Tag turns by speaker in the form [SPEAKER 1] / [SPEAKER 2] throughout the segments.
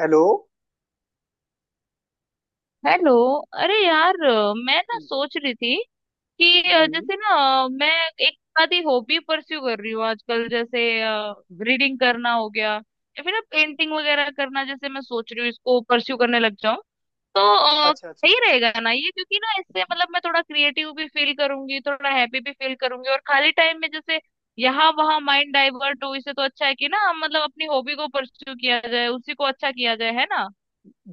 [SPEAKER 1] Hello.
[SPEAKER 2] Hello. अरे यार मैं ना सोच रही थी कि
[SPEAKER 1] हम्म,
[SPEAKER 2] जैसे ना मैं एक आधी हॉबी परस्यू कर रही हूँ आजकल। जैसे रीडिंग करना हो गया या फिर ना पेंटिंग वगैरह करना। जैसे मैं सोच रही हूँ इसको परस्यू करने लग जाऊँ, तो अ,
[SPEAKER 1] अच्छा अच्छा।
[SPEAKER 2] सही रहेगा ना ये, क्योंकि ना इससे मतलब मैं थोड़ा क्रिएटिव भी फील करूंगी, थोड़ा हैप्पी भी फील करूंगी और खाली टाइम में जैसे यहाँ वहाँ माइंड डाइवर्ट हो। इससे तो अच्छा है कि ना हम मतलब अपनी हॉबी को परस्यू किया जाए, उसी को अच्छा किया जाए, है ना।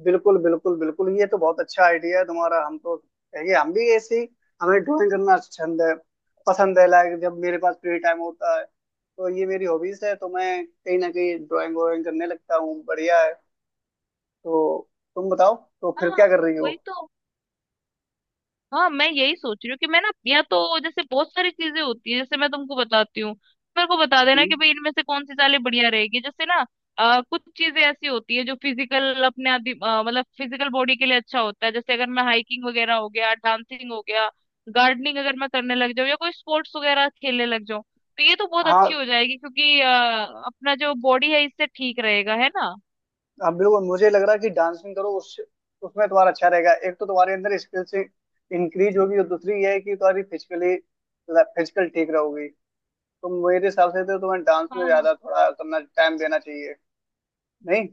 [SPEAKER 1] बिल्कुल बिल्कुल बिल्कुल, ये तो बहुत अच्छा आइडिया है तुम्हारा। हम तो कहेंगे हम भी ऐसी, हमें ड्राइंग करना छंद है, पसंद है। लाइक जब मेरे पास फ्री टाइम होता है तो ये मेरी हॉबीज है, तो मैं कहीं ना कहीं ड्राइंग व्राइंग करने लगता हूँ। बढ़िया है। तो तुम बताओ, तो फिर
[SPEAKER 2] हाँ,
[SPEAKER 1] क्या कर रही हो।
[SPEAKER 2] वही तो। हाँ, मैं यही सोच रही हूँ कि मैं ना, या तो जैसे बहुत सारी चीजें होती है, जैसे मैं तुमको बताती हूँ। मेरे को बता देना
[SPEAKER 1] हम्म,
[SPEAKER 2] कि भाई इनमें से कौन सी चालें बढ़िया रहेगी। जैसे ना, कुछ चीजें ऐसी होती है जो फिजिकल अपने आदि मतलब फिजिकल बॉडी के लिए अच्छा होता है। जैसे अगर मैं हाइकिंग वगैरह हो गया, डांसिंग हो गया, गार्डनिंग अगर मैं करने लग जाऊँ या कोई स्पोर्ट्स वगैरह खेलने लग जाऊँ, तो ये तो बहुत
[SPEAKER 1] हाँ
[SPEAKER 2] अच्छी हो जाएगी क्योंकि अपना जो बॉडी है इससे ठीक रहेगा, है ना।
[SPEAKER 1] हाँ, बिल्कुल मुझे लग रहा है कि डांसिंग करो। उस उसमें तुम्हारा अच्छा रहेगा। एक तो तुम्हारे अंदर स्किल्स इंक्रीज होगी और दूसरी ये है कि तुम्हारी फिजिकली फिजिकल ठीक रहोगी। तो मेरे हिसाब से तो तुम्हें डांस में
[SPEAKER 2] हाँ,
[SPEAKER 1] ज्यादा थोड़ा करना, टाइम देना चाहिए। नहीं।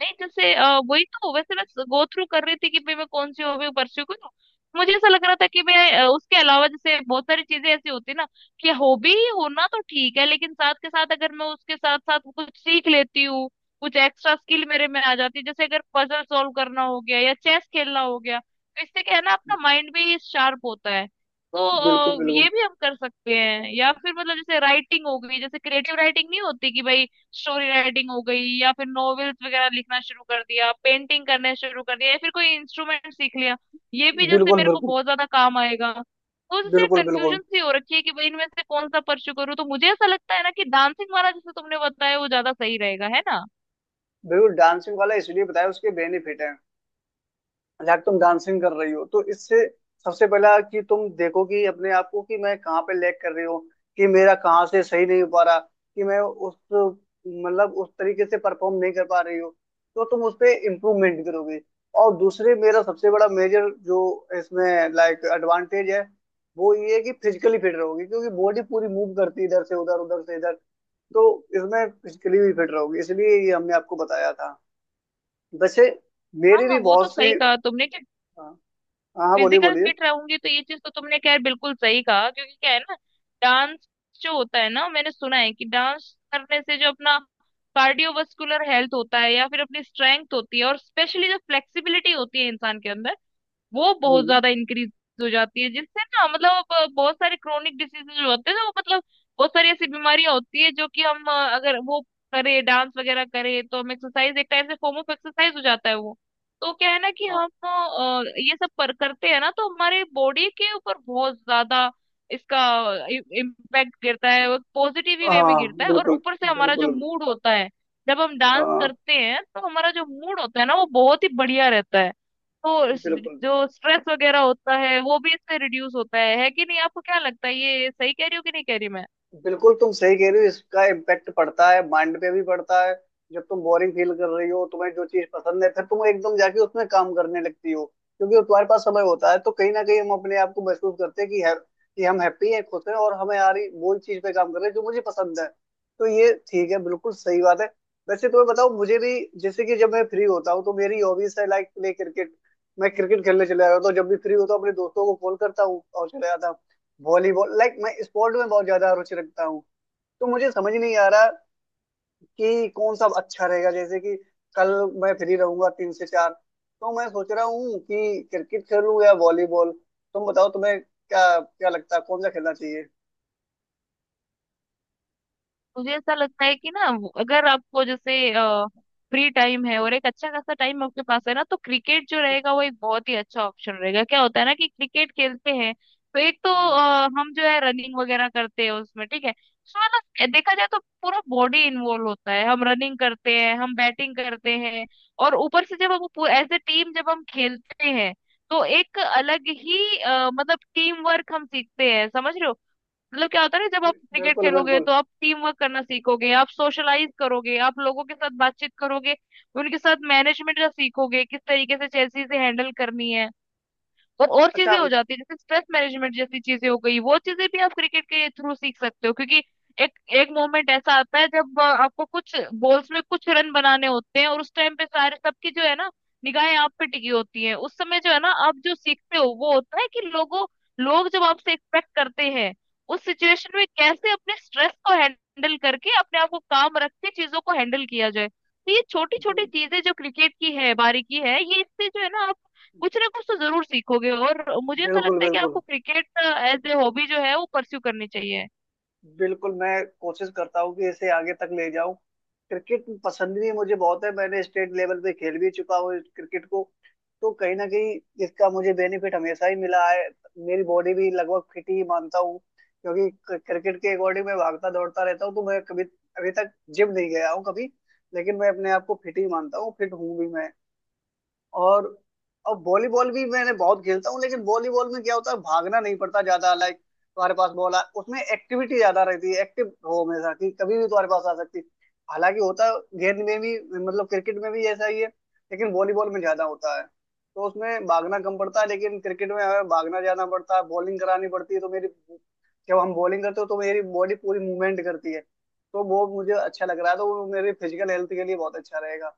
[SPEAKER 2] नहीं, जैसे वही तो, वैसे मैं गो थ्रू कर रही थी कि भाई मैं कौन सी हॉबी परस्यू करूँ। मुझे ऐसा लग रहा था कि मैं उसके अलावा जैसे बहुत सारी चीजें ऐसी होती है ना, कि हॉबी होना तो ठीक है, लेकिन साथ के साथ अगर मैं उसके साथ साथ कुछ सीख लेती हूँ, कुछ एक्स्ट्रा स्किल मेरे में आ जाती है, जैसे अगर पजल सॉल्व करना हो गया या चेस खेलना हो गया, तो इससे क्या है ना, अपना माइंड भी शार्प होता है। तो
[SPEAKER 1] बिल्कुल
[SPEAKER 2] ये
[SPEAKER 1] बिल्कुल
[SPEAKER 2] भी हम कर सकते हैं, या फिर मतलब जैसे राइटिंग हो गई, जैसे क्रिएटिव राइटिंग नहीं होती कि भाई स्टोरी राइटिंग हो गई, या फिर नॉवेल्स वगैरह लिखना शुरू कर दिया, पेंटिंग करने शुरू कर दिया, या फिर कोई इंस्ट्रूमेंट सीख लिया, ये भी जैसे
[SPEAKER 1] बिल्कुल।
[SPEAKER 2] मेरे को
[SPEAKER 1] बिल्कुल
[SPEAKER 2] बहुत ज्यादा काम आएगा। तो जैसे
[SPEAKER 1] बिल्कुल बिल्कुल।
[SPEAKER 2] कंफ्यूजन सी हो रखी है कि भाई इनमें से कौन सा परस्यू करूँ। तो मुझे ऐसा लगता है ना कि डांसिंग वाला जैसे तुमने बताया, वो ज्यादा सही रहेगा, है ना।
[SPEAKER 1] बिल्कुल डांसिंग वाला इसलिए बताया, उसके बेनिफिट है। लाइक तुम डांसिंग कर रही हो तो इससे सबसे पहला कि तुम देखो कि अपने आप को, कि मैं कहाँ पे लैग कर रही हूँ, कि मेरा कहाँ से सही नहीं हो पा रहा, कि मैं उस, मतलब उस तरीके से परफॉर्म नहीं कर पा रही हूँ। तो तुम उस पे इम्प्रूवमेंट करोगे। और दूसरे मेरा सबसे बड़ा मेजर जो इसमें लाइक एडवांटेज है वो ये है कि फिजिकली फिट रहोगे क्योंकि बॉडी पूरी मूव करती है इधर से उधर, उधर से इधर। तो इसमें फिजिकली भी फिट रहोगे, इसलिए ये हमने आपको बताया था। वैसे
[SPEAKER 2] हाँ
[SPEAKER 1] मेरी
[SPEAKER 2] हाँ,
[SPEAKER 1] भी
[SPEAKER 2] वो तो
[SPEAKER 1] बहुत
[SPEAKER 2] सही
[SPEAKER 1] सी।
[SPEAKER 2] कहा तुमने, कि
[SPEAKER 1] हाँ। हाँ हाँ, बोलिए
[SPEAKER 2] फिजिकल
[SPEAKER 1] बोलिए।
[SPEAKER 2] फिट रहूंगी। तो ये चीज तो तुमने खैर बिल्कुल सही कहा, क्योंकि क्या है ना, डांस जो होता है ना, मैंने सुना है कि डांस करने से जो अपना कार्डियोवास्कुलर हेल्थ होता है, या फिर अपनी स्ट्रेंथ होती है, और स्पेशली जो फ्लेक्सिबिलिटी होती है इंसान के अंदर, वो बहुत
[SPEAKER 1] हम्म,
[SPEAKER 2] ज्यादा इंक्रीज हो जाती है, जिससे ना मतलब अब बहुत सारे क्रोनिक डिसीजेज जो होते हैं ना, वो मतलब बहुत सारी ऐसी बीमारियां होती है जो कि हम अगर वो करे, डांस वगैरह करे, तो हम एक्सरसाइज, एक टाइप से फॉर्म ऑफ एक्सरसाइज हो जाता है वो। तो क्या है ना कि
[SPEAKER 1] हाँ
[SPEAKER 2] हम ये सब पर करते हैं ना, तो हमारे बॉडी के ऊपर बहुत ज्यादा इसका इम्पैक्ट गिरता है, वो पॉजिटिव ही वे में
[SPEAKER 1] हाँ,
[SPEAKER 2] गिरता है। और
[SPEAKER 1] बिल्कुल
[SPEAKER 2] ऊपर से हमारा जो
[SPEAKER 1] बिल्कुल।
[SPEAKER 2] मूड होता है, जब हम डांस
[SPEAKER 1] आ,
[SPEAKER 2] करते हैं तो हमारा जो मूड होता है ना, वो बहुत ही बढ़िया रहता है। तो
[SPEAKER 1] बिल्कुल।
[SPEAKER 2] जो स्ट्रेस वगैरह होता है वो भी इससे रिड्यूस होता है कि नहीं, आपको क्या लगता है, ये सही कह रही हूँ कि नहीं कह रही मैं?
[SPEAKER 1] बिल्कुल तुम सही कह रहे हो। इसका इम्पेक्ट पड़ता है, माइंड पे भी पड़ता है। जब तुम बोरिंग फील कर रही हो, तुम्हें जो चीज पसंद है, फिर तुम एकदम जाके उसमें काम करने लगती हो क्योंकि तुम्हारे पास समय होता है। तो कहीं ना कहीं हम अपने आप को महसूस करते हैं कि है, कि हम हैप्पी हैं, खुश हैं, और हमें आ रही वो चीज पे काम कर रहे हैं जो मुझे पसंद है। तो ये ठीक है, बिल्कुल सही बात है। वैसे तुम्हें बताओ, मुझे भी जैसे कि जब मैं फ्री होता हूँ तो मेरी हॉबीज है लाइक प्ले क्रिकेट। मैं क्रिकेट खेलने चले जाता हूँ, तो जब भी फ्री होता हूँ अपने दोस्तों को कॉल करता हूँ और चले जाता हूँ। वॉलीबॉल, लाइक मैं स्पोर्ट में बहुत ज्यादा रुचि रखता हूँ। तो मुझे समझ नहीं आ रहा कि कौन सा अच्छा रहेगा। जैसे कि कल मैं फ्री रहूंगा तीन से चार, तो मैं सोच रहा हूँ कि क्रिकेट खेलूँ या वॉलीबॉल। तुम बताओ तुम्हें क्या क्या लगता है, कौन सा खेलना चाहिए।
[SPEAKER 2] मुझे ऐसा लगता है कि ना अगर आपको जैसे फ्री टाइम है, और एक अच्छा खासा टाइम आपके पास है ना, तो क्रिकेट जो रहेगा वो एक बहुत ही अच्छा ऑप्शन रहेगा। क्या होता है ना, कि क्रिकेट खेलते हैं, तो एक तो हम जो है रनिंग वगैरह करते हैं उसमें, ठीक है, उसमें ना देखा जाए तो पूरा बॉडी इन्वॉल्व होता है, हम रनिंग करते हैं, हम बैटिंग करते हैं। और ऊपर से जब हम एज ए टीम जब हम खेलते हैं, तो एक अलग ही मतलब टीम वर्क हम सीखते हैं, समझ रहे हो। मतलब क्या होता है ना, जब आप क्रिकेट
[SPEAKER 1] बिल्कुल
[SPEAKER 2] खेलोगे
[SPEAKER 1] बिल्कुल।
[SPEAKER 2] तो आप टीम वर्क करना सीखोगे, आप सोशलाइज करोगे, आप लोगों के साथ बातचीत करोगे, उनके साथ मैनेजमेंट का सीखोगे, किस तरीके से चेल्सी से हैंडल करनी है। और चीजें
[SPEAKER 1] अच्छा।
[SPEAKER 2] हो जाती है, जैसे स्ट्रेस मैनेजमेंट जैसी चीजें हो गई, वो चीजें भी आप क्रिकेट के थ्रू सीख सकते हो, क्योंकि एक एक मोमेंट ऐसा आता है जब आपको कुछ बॉल्स में कुछ रन बनाने होते हैं, और उस टाइम पे सारे सबकी जो है ना, निगाहें आप पे टिकी होती हैं। उस समय जो है ना, आप जो सीखते हो वो होता है कि लोग जब आपसे एक्सपेक्ट करते हैं, उस सिचुएशन में कैसे अपने स्ट्रेस को हैंडल करके अपने आप को काम रख के चीजों को हैंडल किया जाए। तो ये छोटी छोटी चीजें जो क्रिकेट की है, बारीकी है, ये इससे जो है ना, आप कुछ ना कुछ तो जरूर सीखोगे। और मुझे ऐसा
[SPEAKER 1] बिल्कुल
[SPEAKER 2] लगता है कि आपको
[SPEAKER 1] बिल्कुल।
[SPEAKER 2] क्रिकेट एज ए हॉबी जो है वो परस्यू करनी चाहिए।
[SPEAKER 1] बिल्कुल मैं कोशिश करता हूँ कि इसे आगे तक ले जाऊं। क्रिकेट पसंद भी मुझे बहुत है, मैंने स्टेट लेवल पे खेल भी चुका हूँ क्रिकेट को। तो कहीं ना कहीं इसका मुझे बेनिफिट हमेशा ही मिला है। मेरी बॉडी भी लगभग फिट ही मानता हूँ, क्योंकि क्रिकेट के अकॉर्डिंग मैं भागता दौड़ता रहता हूँ। तो मैं कभी, अभी तक जिम नहीं गया हूँ कभी, लेकिन मैं अपने आप को फिट ही मानता हूँ, फिट हूँ भी मैं। और और वॉलीबॉल भी मैंने बहुत खेलता हूँ, लेकिन वॉलीबॉल में क्या होता है भागना नहीं पड़ता ज्यादा। लाइक तुम्हारे पास बॉल आ, उसमें एक्टिविटी ज्यादा रहती है, एक्टिव रहो हमेशा कि कभी भी तुम्हारे पास आ सकती है। हालांकि होता है गेंद में भी, मतलब क्रिकेट में भी ऐसा ही है, लेकिन वॉलीबॉल में ज्यादा होता है। तो उसमें भागना कम पड़ता है, लेकिन क्रिकेट में हमें भागना जाना पड़ता है, बॉलिंग करानी पड़ती है। तो मेरी, जब हम बॉलिंग करते हो तो मेरी बॉडी पूरी मूवमेंट करती है। तो वो मुझे अच्छा लग रहा है, तो वो मेरे फिजिकल हेल्थ के लिए बहुत अच्छा रहेगा।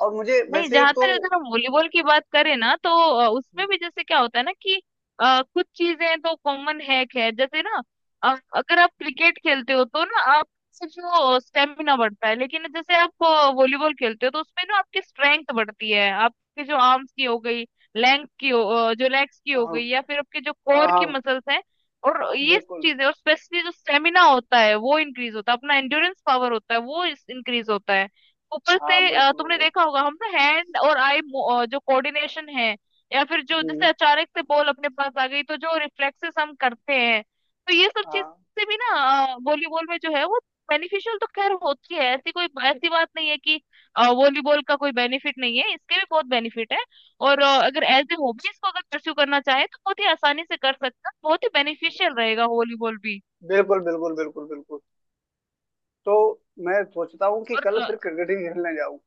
[SPEAKER 1] और मुझे
[SPEAKER 2] नहीं,
[SPEAKER 1] वैसे
[SPEAKER 2] जहां
[SPEAKER 1] तो।
[SPEAKER 2] तक अगर हम वॉलीबॉल की बात करें ना, तो उसमें भी जैसे क्या होता है ना, कि कुछ चीजें तो कॉमन है खैर, जैसे ना, अगर आप क्रिकेट खेलते हो तो ना आप सिर्फ वो स्टेमिना बढ़ता है, लेकिन जैसे आप वॉलीबॉल खेलते हो तो उसमें ना आपकी स्ट्रेंथ बढ़ती है, आपके जो आर्म्स की हो गई, लेंथ की हो, जो लेग्स की हो
[SPEAKER 1] हाँ
[SPEAKER 2] गई, या फिर आपके जो
[SPEAKER 1] हाँ।
[SPEAKER 2] कोर की
[SPEAKER 1] हाँ,
[SPEAKER 2] मसल्स हैं, और ये सब
[SPEAKER 1] बिल्कुल।
[SPEAKER 2] चीजें। और स्पेशली जो स्टेमिना होता है वो इंक्रीज होता है, अपना एंड्योरेंस पावर होता है वो इंक्रीज होता है। ऊपर
[SPEAKER 1] हाँ,
[SPEAKER 2] से
[SPEAKER 1] बिल्कुल
[SPEAKER 2] तुमने
[SPEAKER 1] बिल्कुल।
[SPEAKER 2] देखा होगा, हम ना हैंड और आई जो कोऑर्डिनेशन है, या फिर जो जैसे
[SPEAKER 1] हम्म।
[SPEAKER 2] अचानक से बॉल अपने पास आ गई तो जो रिफ्लेक्सेस हम करते हैं, तो ये सब चीज
[SPEAKER 1] हाँ,
[SPEAKER 2] से भी ना वॉलीबॉल में जो है वो बेनिफिशियल तो खैर होती है। ऐसी कोई ऐसी बात नहीं है कि वॉलीबॉल का कोई बेनिफिट नहीं है, इसके भी बहुत बेनिफिट है। और अगर एज ए हॉबी इसको अगर परस्यू करना चाहे, तो बहुत ही आसानी से कर सकते हैं, बहुत ही बेनिफिशियल रहेगा वॉलीबॉल भी।
[SPEAKER 1] बिल्कुल बिल्कुल। बिल्कुल बिल्कुल। तो मैं सोचता हूँ कि कल फिर
[SPEAKER 2] और
[SPEAKER 1] क्रिकेट ही खेलने जाऊँ।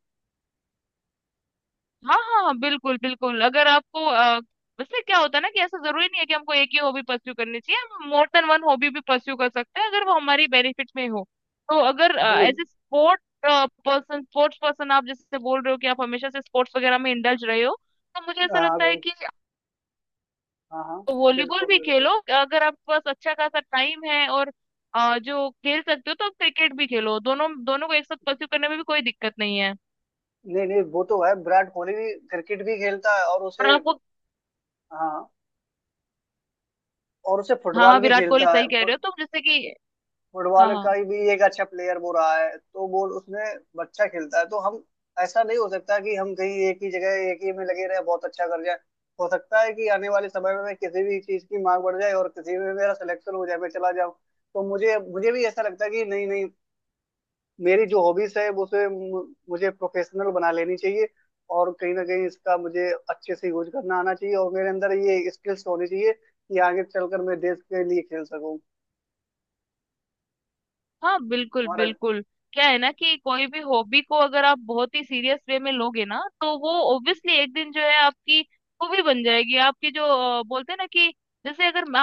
[SPEAKER 2] हाँ हाँ, बिल्कुल बिल्कुल, अगर आपको वैसे क्या होता है ना, कि ऐसा जरूरी नहीं है कि हमको एक ही हॉबी परस्यू करनी चाहिए, हम मोर देन वन हॉबी भी परस्यू कर सकते हैं, अगर वो हमारी बेनिफिट में हो। तो अगर
[SPEAKER 1] बिल
[SPEAKER 2] as a sport person, sports person, आप जैसे बोल रहे हो कि आप हमेशा से स्पोर्ट्स वगैरह में इंडल्ज रहे हो, तो मुझे ऐसा
[SPEAKER 1] हाँ।
[SPEAKER 2] लगता है कि
[SPEAKER 1] हाँ हाँ।
[SPEAKER 2] वॉलीबॉल
[SPEAKER 1] बिल्कुल
[SPEAKER 2] भी
[SPEAKER 1] बिल्कुल।
[SPEAKER 2] खेलो। अगर आपके पास अच्छा खासा टाइम है और जो खेल सकते हो, तो आप क्रिकेट भी खेलो, दोनों दोनों को एक साथ परस्यू करने में भी कोई दिक्कत नहीं है।
[SPEAKER 1] नहीं नहीं, वो तो है, विराट कोहली भी क्रिकेट भी खेलता है और
[SPEAKER 2] और
[SPEAKER 1] उसे।
[SPEAKER 2] आपको,
[SPEAKER 1] हाँ, और उसे
[SPEAKER 2] हाँ हाँ,
[SPEAKER 1] फुटबॉल भी
[SPEAKER 2] विराट कोहली
[SPEAKER 1] खेलता है।
[SPEAKER 2] सही कह रहे हो। तो जैसे कि हाँ
[SPEAKER 1] फुटबॉल
[SPEAKER 2] हाँ
[SPEAKER 1] का ही भी एक अच्छा प्लेयर वो रहा है, तो वो उसने अच्छा खेलता है। तो हम, ऐसा नहीं हो सकता कि हम कहीं एक ही जगह एक ही में लगे रहे बहुत अच्छा कर जाए। हो सकता है कि आने वाले समय में मैं किसी भी चीज की मांग बढ़ जाए और किसी में मेरा सिलेक्शन हो जाए, मैं चला जाऊं। तो मुझे मुझे भी ऐसा लगता है कि नहीं नहीं, मेरी जो हॉबीज है वो उसे, मुझे प्रोफेशनल बना लेनी चाहिए। और कहीं ना कहीं इसका मुझे अच्छे से यूज करना आना चाहिए, और मेरे अंदर ये स्किल्स होनी चाहिए कि आगे चलकर मैं देश के लिए खेल सकूं।
[SPEAKER 2] हाँ, बिल्कुल
[SPEAKER 1] तुम्हारा।
[SPEAKER 2] बिल्कुल, क्या है ना कि कोई भी हॉबी को अगर आप बहुत ही सीरियस वे में लोगे ना, तो वो ऑब्वियसली एक दिन जो है आपकी हॉबी बन जाएगी। आपकी जो बोलते हैं ना, कि जैसे अगर मैं-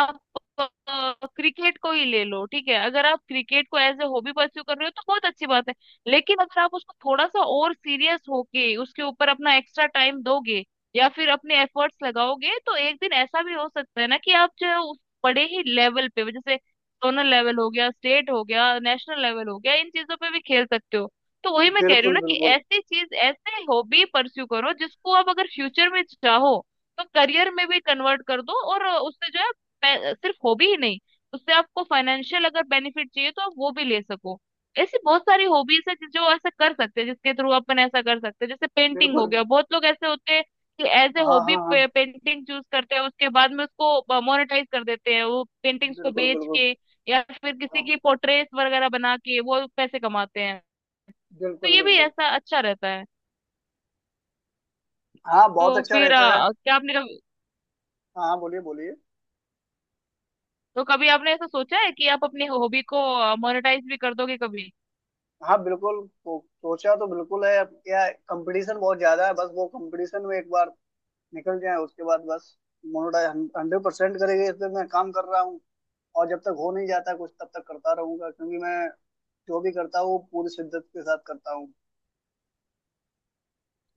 [SPEAKER 2] आप क्रिकेट को ही ले लो, ठीक है। अगर आप क्रिकेट को एज ए हॉबी परस्यू कर रहे हो तो बहुत अच्छी बात है, लेकिन अगर आप उसको थोड़ा सा और सीरियस होके उसके ऊपर अपना एक्स्ट्रा टाइम दोगे, या फिर अपने एफर्ट्स लगाओगे, तो एक दिन ऐसा भी हो सकता है ना, कि आप जो है उस बड़े ही लेवल पे जैसे जोनल लेवल हो गया, स्टेट हो गया, नेशनल लेवल हो गया, इन चीजों पे भी खेल सकते हो। तो वही मैं कह रही हूँ
[SPEAKER 1] बिल्कुल
[SPEAKER 2] ना, कि
[SPEAKER 1] बिल्कुल
[SPEAKER 2] ऐसी चीज, ऐसे हॉबी परस्यू करो जिसको आप अगर फ्यूचर में चाहो तो करियर में भी कन्वर्ट कर दो, और उससे जो है सिर्फ हॉबी ही नहीं, उससे आपको फाइनेंशियल अगर बेनिफिट चाहिए तो आप वो भी ले सको। ऐसी बहुत सारी हॉबीज है जो ऐसा कर सकते हैं, जिसके थ्रू अपन ऐसा कर सकते हैं, जैसे पेंटिंग हो
[SPEAKER 1] बिल्कुल।
[SPEAKER 2] गया, बहुत लोग ऐसे होते हैं कि एज ए
[SPEAKER 1] हाँ
[SPEAKER 2] हॉबी
[SPEAKER 1] हाँ हाँ,
[SPEAKER 2] पेंटिंग चूज करते हैं, उसके बाद में उसको मोनेटाइज कर देते हैं वो, पेंटिंग्स को
[SPEAKER 1] बिल्कुल
[SPEAKER 2] बेच
[SPEAKER 1] बिल्कुल।
[SPEAKER 2] के, या फिर किसी
[SPEAKER 1] हाँ,
[SPEAKER 2] की पोर्ट्रेट वगैरह बना के वो पैसे कमाते हैं। तो
[SPEAKER 1] बिल्कुल
[SPEAKER 2] ये भी
[SPEAKER 1] बिल्कुल।
[SPEAKER 2] ऐसा अच्छा रहता है।
[SPEAKER 1] हाँ, बहुत
[SPEAKER 2] तो
[SPEAKER 1] अच्छा
[SPEAKER 2] फिर
[SPEAKER 1] रहता है।
[SPEAKER 2] क्या आपने कभी,
[SPEAKER 1] हाँ, बोलिए बोलिए।
[SPEAKER 2] तो कभी आपने ऐसा सोचा है कि आप अपनी हॉबी को मोनेटाइज भी कर दोगे कभी?
[SPEAKER 1] हाँ बिल्कुल तो, सोचा तो बिल्कुल है। अब क्या कंपटीशन बहुत ज्यादा है, बस वो कंपटीशन में एक बार निकल जाए उसके बाद बस, मोनोडाई 100% करेंगे। इस पे मैं काम कर रहा हूँ, और जब तक हो नहीं जाता कुछ तब तक करता रहूंगा, क्योंकि मैं जो भी करता हूँ वो पूरी शिद्दत के साथ करता हूँ।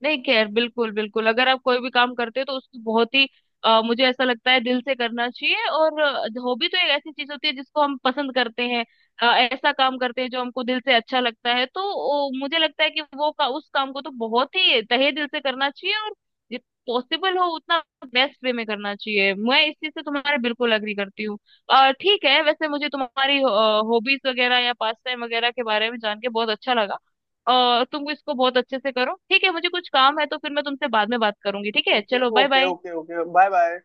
[SPEAKER 2] नहीं केयर, बिल्कुल बिल्कुल, अगर आप कोई भी काम करते हो तो उसको बहुत ही मुझे ऐसा लगता है दिल से करना चाहिए। और हॉबी तो एक ऐसी चीज होती है जिसको हम पसंद करते हैं, ऐसा काम करते हैं जो हमको दिल से अच्छा लगता है। तो मुझे लगता है कि उस काम को तो बहुत ही तहे दिल से करना चाहिए। और जित पॉसिबल हो उतना बेस्ट वे में करना चाहिए, मैं इस चीज से तुम्हारे बिल्कुल अग्री करती हूँ। ठीक है, वैसे मुझे तुम्हारी हॉबीज वगैरह या पास टाइम वगैरह के बारे में जान के बहुत अच्छा लगा। तुम इसको बहुत अच्छे से करो, ठीक है, मुझे कुछ काम है तो फिर मैं तुमसे बाद में बात करूंगी, ठीक है,
[SPEAKER 1] ओके
[SPEAKER 2] चलो bye
[SPEAKER 1] okay
[SPEAKER 2] bye.
[SPEAKER 1] Okay okay, bye bye.